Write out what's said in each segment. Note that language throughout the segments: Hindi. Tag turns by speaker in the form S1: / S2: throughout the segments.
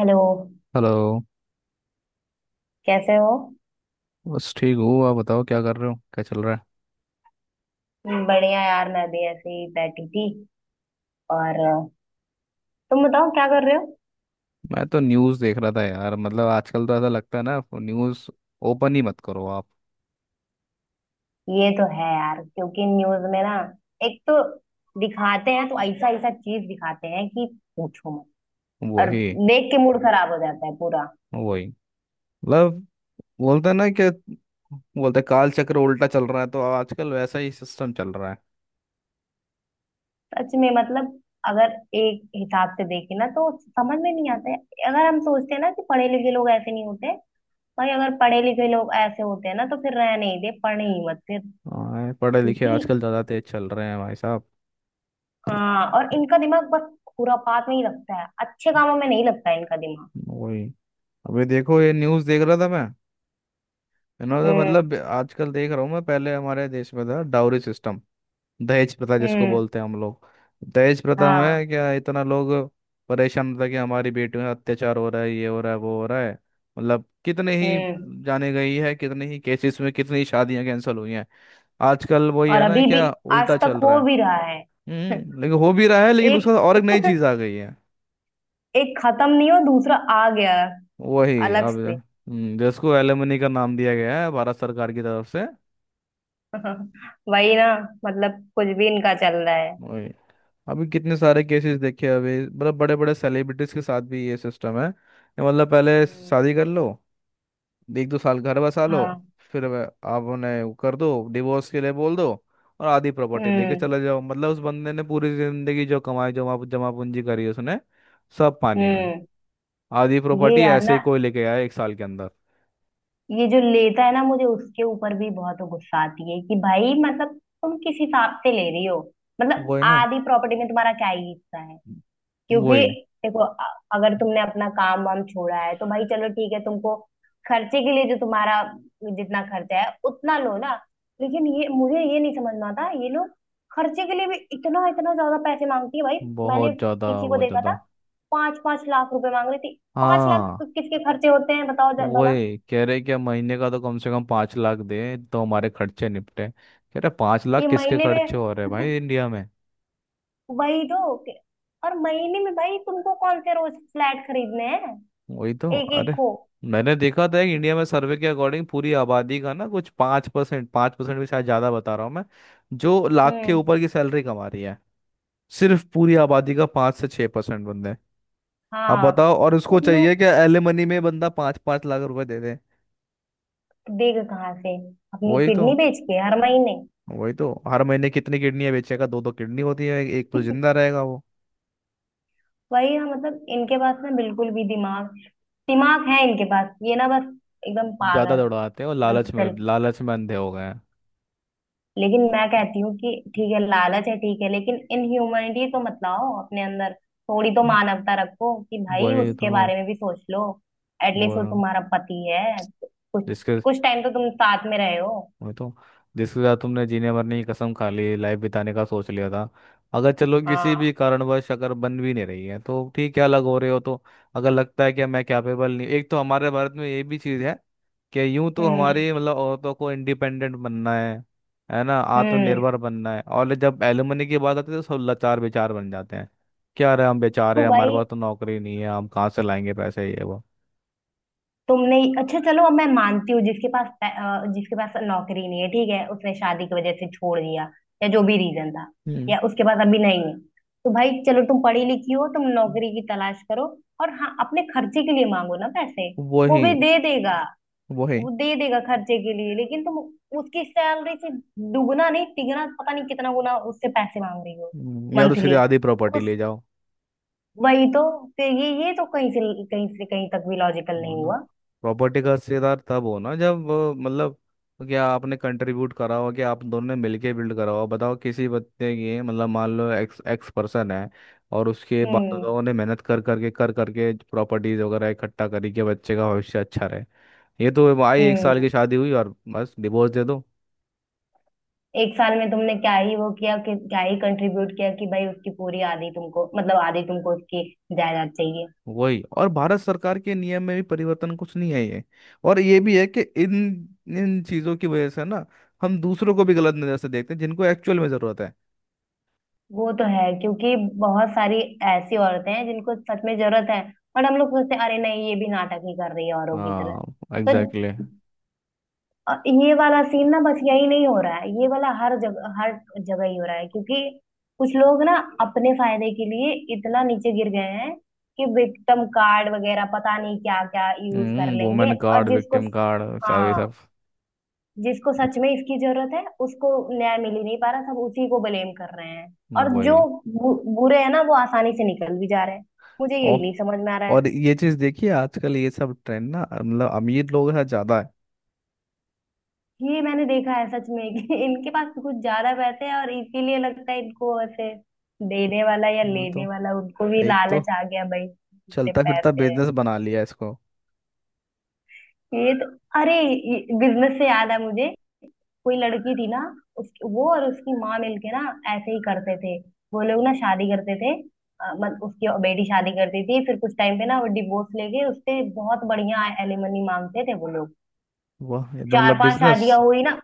S1: हेलो।
S2: हेलो।
S1: कैसे हो?
S2: बस ठीक हूँ। आप बताओ क्या कर रहे हो, क्या चल रहा है?
S1: बढ़िया यार, मैं भी ऐसे ही बैठी थी। और तुम बताओ क्या कर रहे हो?
S2: मैं तो न्यूज़ देख रहा था यार। मतलब आजकल तो ऐसा लगता है ना, न्यूज़ ओपन ही मत करो आप।
S1: ये तो है यार, क्योंकि न्यूज में ना, एक तो दिखाते हैं तो ऐसा ऐसा चीज दिखाते हैं कि पूछो मत। और
S2: वही,
S1: देख के मूड खराब हो जाता है पूरा।
S2: वही। मतलब बोलते हैं ना कि बोलते हैं, काल चक्र उल्टा चल रहा है, तो आजकल वैसा ही सिस्टम चल रहा है।
S1: सच में मतलब, अगर एक हिसाब से देखे ना तो समझ में नहीं आता है। अगर हम सोचते हैं ना कि पढ़े लिखे लोग ऐसे नहीं होते। भाई अगर पढ़े लिखे लोग ऐसे होते हैं ना तो फिर रह नहीं दे, पढ़ ही मत फिर।
S2: हाँ, पढ़े लिखे
S1: क्योंकि।
S2: आजकल ज़्यादा तेज चल रहे हैं भाई साहब।
S1: हाँ, और इनका दिमाग बस खुरापात में ही लगता है, अच्छे कामों में नहीं लगता है इनका दिमाग।
S2: वही। अभी देखो, ये न्यूज़ देख रहा था मैं। इन्होंने तो
S1: हम्म।
S2: मतलब आजकल देख रहा हूँ मैं, पहले हमारे देश में था डाउरी सिस्टम। दहेज प्रथा, जिसको
S1: हम्म।
S2: बोलते हैं हम लोग। दहेज प्रथा
S1: हाँ।
S2: में क्या इतना लोग परेशान होता है कि हमारी बेटियों में अत्याचार हो रहा है, ये हो रहा है, वो हो रहा है। मतलब कितने ही
S1: हम्म।
S2: जाने गई है, कितने ही केसेस में कितनी ही शादियां कैंसिल हुई हैं। आजकल वही
S1: और
S2: है ना,
S1: अभी भी
S2: क्या
S1: आज
S2: उल्टा
S1: तक
S2: चल रहा
S1: हो
S2: है।
S1: भी रहा है।
S2: हम्म, लेकिन हो भी रहा है, लेकिन
S1: एक
S2: उसके साथ और एक नई चीज आ गई है।
S1: एक खत्म नहीं हो दूसरा आ गया,
S2: वही
S1: अलग
S2: अब।
S1: से।
S2: जिसको एलिमनी का नाम दिया गया है भारत सरकार की तरफ से।
S1: वही ना, मतलब कुछ भी इनका चल रहा है।
S2: अभी कितने सारे केसेस देखे अभी, मतलब बड़े बड़े सेलिब्रिटीज के साथ भी ये सिस्टम है कि मतलब पहले
S1: हम्म।
S2: शादी कर लो, 1-2 साल घर बसा लो,
S1: हाँ।
S2: फिर आप उन्हें वो कर दो, डिवोर्स के लिए बोल दो। और आधी प्रॉपर्टी लेके
S1: हम्म।
S2: चले जाओ। मतलब उस बंदे ने पूरी जिंदगी जो कमाई, जमा जमा पूंजी करी उसने, सब पानी में।
S1: हम्म।
S2: आधी
S1: ये
S2: प्रॉपर्टी
S1: यार
S2: ऐसे
S1: ना।
S2: ही कोई लेके आया 1 साल के अंदर।
S1: ये जो लेता है ना, मुझे उसके ऊपर भी बहुत गुस्सा आती है कि भाई मतलब, तुम किस हिसाब से ले रही हो? मतलब
S2: वही ना।
S1: आधी प्रॉपर्टी में तुम्हारा क्या ही हिस्सा है? क्योंकि
S2: वही।
S1: देखो अगर तुमने अपना काम वाम छोड़ा है तो भाई चलो ठीक है, तुमको खर्चे के लिए जो तुम्हारा जितना खर्चा है उतना लो ना। लेकिन ये मुझे ये नहीं समझना आता, ये लोग खर्चे के लिए भी इतना इतना ज्यादा पैसे मांगती है भाई। मैंने
S2: बहुत ज्यादा,
S1: किसी को
S2: बहुत
S1: देखा था,
S2: ज्यादा।
S1: पांच पांच लाख रुपए मांग रही थी। पांच लाख
S2: हाँ।
S1: किसके खर्चे होते हैं, बताओ जरा भला?
S2: वही कह रहे क्या, महीने का तो कम से कम 5 लाख दे तो हमारे खर्चे निपटे। कह रहे, 5 लाख
S1: ये
S2: किसके
S1: महीने
S2: खर्चे
S1: में।
S2: हो रहे हैं भाई इंडिया में।
S1: वही तो और महीने में भाई तुमको कौन से रोज फ्लैट खरीदने हैं?
S2: वही तो।
S1: एक एक
S2: अरे
S1: को।
S2: मैंने देखा था कि इंडिया में सर्वे के अकॉर्डिंग पूरी आबादी का ना कुछ 5%, 5% भी शायद ज़्यादा बता रहा हूँ मैं। जो लाख के
S1: हम्म।
S2: ऊपर की सैलरी कमा रही है। सिर्फ पूरी आबादी का 5 से 6% बंदे। अब
S1: हाँ।
S2: बताओ, और उसको
S1: तुम
S2: चाहिए
S1: लोग,
S2: कि एलिमनी में बंदा 5-5 लाख रुपए दे दे।
S1: देगा कहाँ से? अपनी
S2: वही तो।
S1: किडनी बेच के हर महीने?
S2: वही तो। हर महीने कितनी किडनियाँ बेचेगा, दो दो किडनी होती है, एक तो जिंदा रहेगा वो।
S1: वही है, मतलब इनके पास ना बिल्कुल भी दिमाग। दिमाग है इनके पास, ये ना बस एकदम पागल
S2: ज्यादा
S1: है
S2: दौड़ाते हैं और
S1: एकदम,
S2: लालच में,
S1: सिर्फ।
S2: लालच में अंधे हो गए हैं।
S1: लेकिन मैं कहती हूँ कि ठीक है लालच है, ठीक है, लेकिन इनह्यूमैनिटी तो मत लाओ अपने अंदर। थोड़ी तो मानवता रखो कि भाई
S2: वही तो।
S1: उसके बारे में भी सोच लो।
S2: वो
S1: एटलीस्ट वो तुम्हारा पति है।
S2: जिसके
S1: कुछ टाइम तो तुम साथ में रहे हो।
S2: वही तो जिसके साथ तुमने जीने मरने की कसम खा ली, लाइफ बिताने का सोच लिया था। अगर चलो किसी भी
S1: हाँ।
S2: कारणवश अगर बन भी नहीं रही है तो ठीक है, अलग हो रहे हो तो। अगर लगता है कि मैं कैपेबल नहीं। एक तो हमारे भारत में ये भी चीज़ है कि यूं तो
S1: हम्म।
S2: हमारी मतलब औरतों को इंडिपेंडेंट बनना है ना,
S1: हम्म।
S2: आत्मनिर्भर बनना है, और जब एलुमनी की बात आती है तो सब लाचार बेचार बन जाते हैं। क्या रहे, हम
S1: तो
S2: बेचारे, हमारे
S1: भाई
S2: पास तो नौकरी नहीं है, हम कहाँ से लाएंगे पैसे, ये वो।
S1: तुमने अच्छा चलो, अब मैं मानती हूँ जिसके पास नौकरी नहीं है, ठीक है, उसने शादी की वजह से छोड़ दिया, या जो भी रीजन था,
S2: हम्म।
S1: या उसके पास अभी नहीं है। तो भाई चलो, तुम पढ़ी लिखी हो, तुम नौकरी की तलाश करो। और हाँ, अपने खर्चे के लिए मांगो ना पैसे। वो
S2: वही।
S1: भी दे देगा।
S2: वही।
S1: वो दे देगा खर्चे के लिए, लेकिन तुम उसकी सैलरी से दुगना नहीं तिगना, पता नहीं कितना गुना उससे पैसे मांग रही हो।
S2: या तो सीधे
S1: मंथली।
S2: आधी प्रॉपर्टी ले जाओ।
S1: वही तो। फिर ये तो कहीं से कहीं तक भी लॉजिकल
S2: और
S1: नहीं
S2: ना।
S1: हुआ।
S2: प्रॉपर्टी का हिस्सेदार तब हो ना, जब मतलब, क्या आपने कंट्रीब्यूट करा हो, कि आप दोनों ने मिलके बिल्ड करा हो। बताओ, किसी बच्चे की, मतलब मान लो, एक्स एक्स पर्सन है। और उसके बाप
S1: हम्म।
S2: दादाओं ने मेहनत कर करके प्रॉपर्टीज वगैरह इकट्ठा करी कि बच्चे का भविष्य अच्छा रहे। ये तो आई, 1 साल
S1: हम्म।
S2: की शादी हुई और बस डिवोर्स दे दो।
S1: एक साल में तुमने क्या ही वो किया, कि क्या ही कंट्रीब्यूट किया कि भाई उसकी पूरी आधी तुमको, मतलब आधी तुमको उसकी जायदाद चाहिए।
S2: वही। और भारत सरकार के नियम में भी परिवर्तन कुछ नहीं है ये। और ये भी है कि इन इन चीज़ों की वजह से ना, हम दूसरों को भी गलत नज़र से देखते हैं जिनको एक्चुअल में ज़रूरत है।
S1: वो तो है, क्योंकि बहुत सारी ऐसी औरतें हैं जिनको सच में जरूरत है। और हम लोग सोचते हैं, अरे नहीं ये भी नाटक ही कर रही है औरों की तरह।
S2: हाँ,
S1: तो
S2: एग्जैक्टली।
S1: ये वाला सीन ना, बस यही नहीं हो रहा है, ये वाला हर जगह ही हो रहा है। क्योंकि कुछ लोग ना, अपने फायदे के लिए इतना नीचे गिर गए हैं कि विक्टिम कार्ड वगैरह पता नहीं क्या क्या यूज कर
S2: वुमेन
S1: लेंगे, और
S2: कार्ड,
S1: जिसको।
S2: विक्टिम कार्ड, सब ये
S1: हाँ।
S2: सब।
S1: जिसको सच में इसकी जरूरत है उसको न्याय मिल ही नहीं पा रहा, सब उसी को ब्लेम कर रहे हैं। और जो
S2: वही।
S1: बु, बुरे हैं ना, वो आसानी से निकल भी जा रहे हैं। मुझे
S2: ओ
S1: यही नहीं समझ में आ रहा है।
S2: और ये चीज देखिए, आजकल ये सब ट्रेंड ना, मतलब अमीर लोग है ज्यादा है।
S1: ये मैंने देखा है सच में, कि इनके पास कुछ ज्यादा पैसे हैं और इसीलिए लगता है इनको ऐसे, देने वाला या
S2: मैं
S1: लेने
S2: तो,
S1: वाला, उनको भी
S2: एक तो
S1: लालच आ गया भाई। इतने
S2: चलता फिरता
S1: पैसे हैं।
S2: बिजनेस बना लिया इसको।
S1: ये तो, अरे, बिजनेस से याद है मुझे। कोई लड़की थी ना, उसकी वो और उसकी माँ मिलके ना ऐसे ही करते थे, वो लोग ना शादी करते थे। अ, मत उसकी बेटी शादी करती थी, फिर कुछ टाइम पे ना वो डिवोर्स लेके उससे बहुत बढ़िया एलिमनी मांगते थे वो लोग।
S2: वाह, ये तो
S1: चार
S2: मतलब
S1: पांच
S2: बिजनेस।
S1: शादियां हुई ना।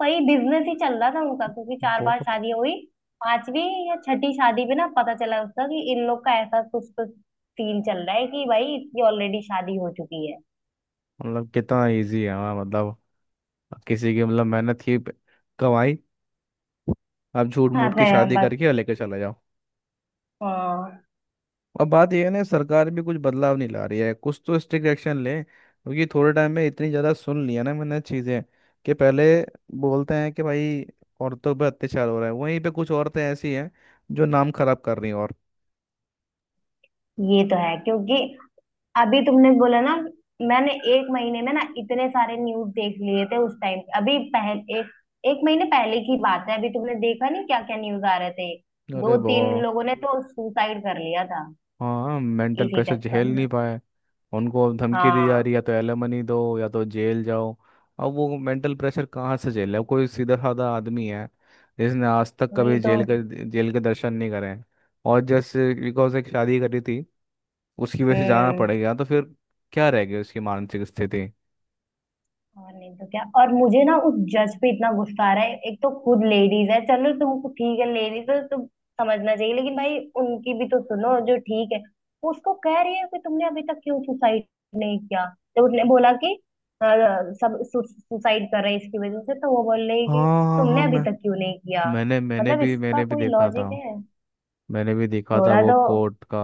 S1: वही बिजनेस ही चल रहा था उनका, क्योंकि चार बार
S2: बहुत
S1: शादी हुई, पांचवी या छठी शादी पे ना पता चला उसका कि इन लोग का ऐसा कुछ कुछ सीन चल रहा है कि भाई इसकी ऑलरेडी शादी हो चुकी है।
S2: मतलब कितना इजी है, हाँ मतलब, किसी की, मतलब मेहनत की कमाई, आप झूठ मूठ
S1: अच्छा
S2: की
S1: है,
S2: शादी
S1: बस।
S2: करके और लेके चले जाओ।
S1: हाँ।
S2: अब बात यह है ना, सरकार भी कुछ बदलाव नहीं ला रही है, कुछ तो स्ट्रिक्ट एक्शन ले, क्योंकि थोड़े टाइम में इतनी ज़्यादा सुन लिया ना मैंने चीज़ें, कि पहले बोलते हैं कि भाई औरतों पर अत्याचार हो रहा है, वहीं पे कुछ औरतें ऐसी हैं जो नाम खराब कर रही हैं और।
S1: ये तो है, क्योंकि अभी तुमने बोला ना। मैंने एक महीने में ना इतने सारे न्यूज देख लिए थे उस टाइम, अभी पहले एक एक महीने पहले की बात है, अभी तुमने देखा नहीं क्या क्या न्यूज आ रहे थे? दो
S2: अरे बो
S1: तीन लोगों ने तो सुसाइड कर लिया था
S2: हाँ, मेंटल
S1: इसी
S2: प्रेशर
S1: चक्कर
S2: झेल
S1: में।
S2: नहीं पाए। उनको अब धमकी दी जा
S1: हाँ।
S2: रही है, या तो एलिमनी दो या तो जेल जाओ। अब वो मेंटल प्रेशर कहाँ से झेले, अब कोई सीधा साधा आदमी है जिसने आज तक कभी
S1: वही तो।
S2: जेल के दर्शन नहीं करे हैं। और जैसे बिकॉज एक शादी करी थी, उसकी वजह से जाना
S1: हम्म।
S2: पड़ेगा, तो फिर क्या रह गई उसकी मानसिक स्थिति।
S1: और नहीं तो क्या, और मुझे ना उस जज पे इतना गुस्सा आ रहा है, एक तो खुद लेडीज है, चलो तुमको ठीक है लेडीज है तो समझना चाहिए, लेकिन भाई उनकी भी तो सुनो जो ठीक है। वो उसको कह रही है कि तुमने अभी तक क्यों सुसाइड नहीं किया, तो उसने बोला कि अ, सब सुसाइड कर रहे हैं इसकी वजह से, तो वो बोल रही है कि
S2: हाँ, हाँ, हाँ।
S1: तुमने अभी तक क्यों नहीं किया?
S2: मैंने मैंने
S1: मतलब
S2: भी
S1: इसका
S2: मैंने भी
S1: कोई
S2: देखा था
S1: लॉजिक है
S2: मैंने भी देखा था
S1: थोड़ा
S2: वो
S1: तो?
S2: कोर्ट का।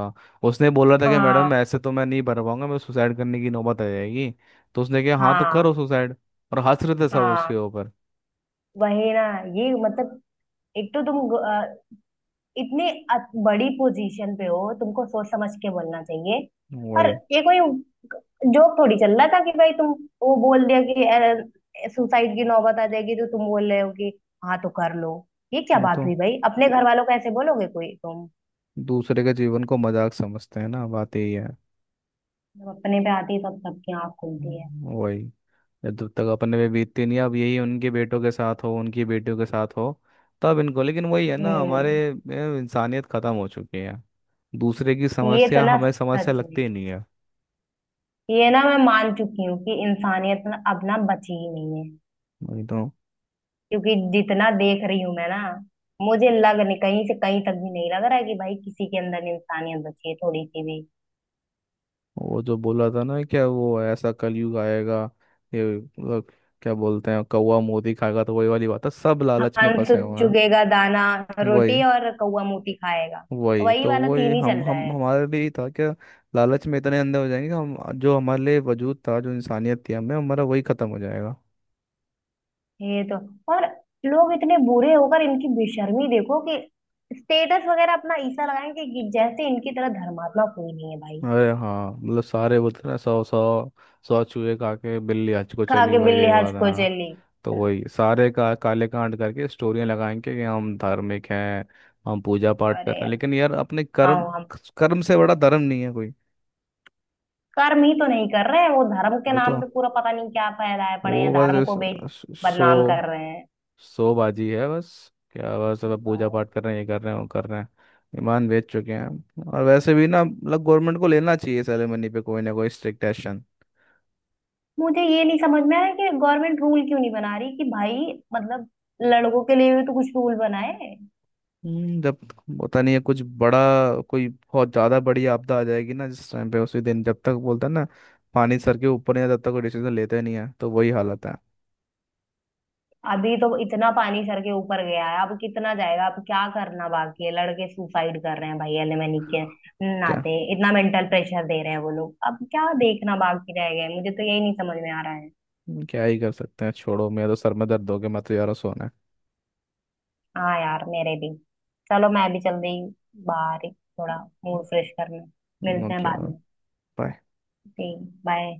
S2: उसने बोला था कि मैडम
S1: हाँ,
S2: ऐसे तो मैं नहीं भर पाऊंगा, मैं सुसाइड करने की नौबत आ जाएगी। तो उसने कहा, हाँ, तो करो
S1: हाँ,
S2: सुसाइड। और हंसरते सब उसके
S1: हाँ।
S2: ऊपर।
S1: वही ना। ये मतलब, एक तो तुम इतने बड़ी पोजीशन पे हो, तुमको सोच समझ के बोलना चाहिए। पर
S2: वही।
S1: ये कोई जोक थोड़ी चल रहा था कि भाई तुम, वो बोल दिया कि सुसाइड की नौबत आ जाएगी, तो तुम बोल रहे हो कि हाँ तो कर लो? ये क्या
S2: वो
S1: बात
S2: तो
S1: हुई भाई? अपने घर वालों को ऐसे बोलोगे कोई तुम?
S2: दूसरे के जीवन को मजाक समझते हैं ना, बात यही है।
S1: जब अपने पे आती है तब सबकी आँख खुलती है।
S2: वही। जब तक अपने पे बीतती नहीं, अब यही उनके बेटों के साथ हो, उनकी बेटियों के साथ हो, तब इनको। लेकिन वही है ना हमारे,
S1: हम्म।
S2: इंसानियत खत्म हो चुकी है। दूसरे की
S1: ये तो
S2: समस्या
S1: ना,
S2: हमें समस्या
S1: सच में।
S2: लगती ही नहीं है।
S1: ये ना मैं मान चुकी हूँ कि इंसानियत ना अब ना बची ही नहीं है।
S2: वही तो।
S1: क्योंकि जितना देख रही हूं मैं ना, मुझे लग नहीं, कहीं से कहीं तक भी नहीं लग रहा है कि भाई किसी के अंदर इंसानियत बची है थोड़ी सी भी।
S2: वो जो बोला था ना, क्या वो, ऐसा कलयुग आएगा, ये क्या बोलते हैं, कौवा मोदी खाएगा, तो वही वाली बात है, सब लालच में
S1: हंस
S2: फंसे हुए हैं।
S1: चुगेगा दाना
S2: वही।
S1: रोटी, और कौवा मोती खाएगा।
S2: वही
S1: वही
S2: तो।
S1: वाला
S2: वही
S1: सीन ही चल
S2: हम
S1: रहा
S2: हम
S1: है।
S2: हमारे लिए ही था क्या? लालच में इतने अंधे हो जाएंगे कि हम जो हमारे लिए वजूद था, जो इंसानियत थी हमें, हमारा वही खत्म हो जाएगा।
S1: ये तो, और लोग इतने बुरे होकर इनकी बेशर्मी देखो कि स्टेटस वगैरह अपना ऐसा लगाएंगे कि जैसे इनकी तरह धर्मात्मा कोई नहीं है भाई।
S2: अरे हाँ, मतलब सारे बोलते हैं ना, सौ सौ सौ चूहे खा के बिल्ली हज को
S1: खा
S2: चली
S1: के
S2: भाई,
S1: बिल्ली
S2: ये
S1: हज
S2: वाला।
S1: को चली।
S2: तो वही, सारे का काले कांड करके स्टोरियाँ लगाएंगे कि हम धार्मिक हैं, हम पूजा पाठ कर
S1: अरे,
S2: रहे हैं, लेकिन यार अपने कर्म।
S1: हाँ।
S2: कर्म से बड़ा धर्म नहीं है कोई।
S1: कर्म ही तो नहीं कर रहे हैं वो, धर्म के
S2: वो
S1: नाम
S2: तो।
S1: पे पूरा पता नहीं क्या फैलाए पड़े
S2: वो
S1: हैं, धर्म
S2: बस
S1: को बे
S2: सो
S1: बदनाम कर रहे हैं।
S2: सो बाजी है बस। क्या बस, अब पूजा पाठ कर रहे हैं, ये कर रहे हैं, वो कर रहे हैं। ईमान बेच चुके हैं, और वैसे भी ना, मतलब गवर्नमेंट को लेना चाहिए सेरेमनी पे कोई ना कोई स्ट्रिक्ट एक्शन।
S1: मुझे ये नहीं समझ में आया कि गवर्नमेंट रूल क्यों नहीं बना रही कि भाई मतलब, लड़कों के लिए भी तो कुछ रूल बनाए।
S2: जब होता नहीं है कुछ बड़ा, कोई बहुत ज्यादा बड़ी आपदा आ जाएगी ना, जिस टाइम पे उसी दिन, जब तक बोलता है ना, पानी सर के ऊपर नहीं है, तब तक कोई डिसीजन लेते नहीं है, तो वही हालत है।
S1: अभी तो इतना पानी सर के ऊपर गया है, अब कितना जाएगा? अब क्या करना बाकी है? लड़के सुसाइड कर रहे हैं भाई एलिमनी के
S2: क्या।
S1: नाते, इतना मेंटल प्रेशर दे रहे हैं वो लोग, अब क्या देखना बाकी रह गया है? मुझे तो यही नहीं समझ में आ रहा है।
S2: क्या ही कर सकते हैं, छोड़ो। मेरा तो सर में दर्द हो गया, मैं तो यार सोना।
S1: हाँ यार, मेरे भी। चलो मैं भी चल रही हूँ बाहर ही, थोड़ा मूड फ्रेश करने।
S2: है,
S1: मिलते हैं
S2: ओके।
S1: बाद में।
S2: बाय।
S1: ठीक। बाय।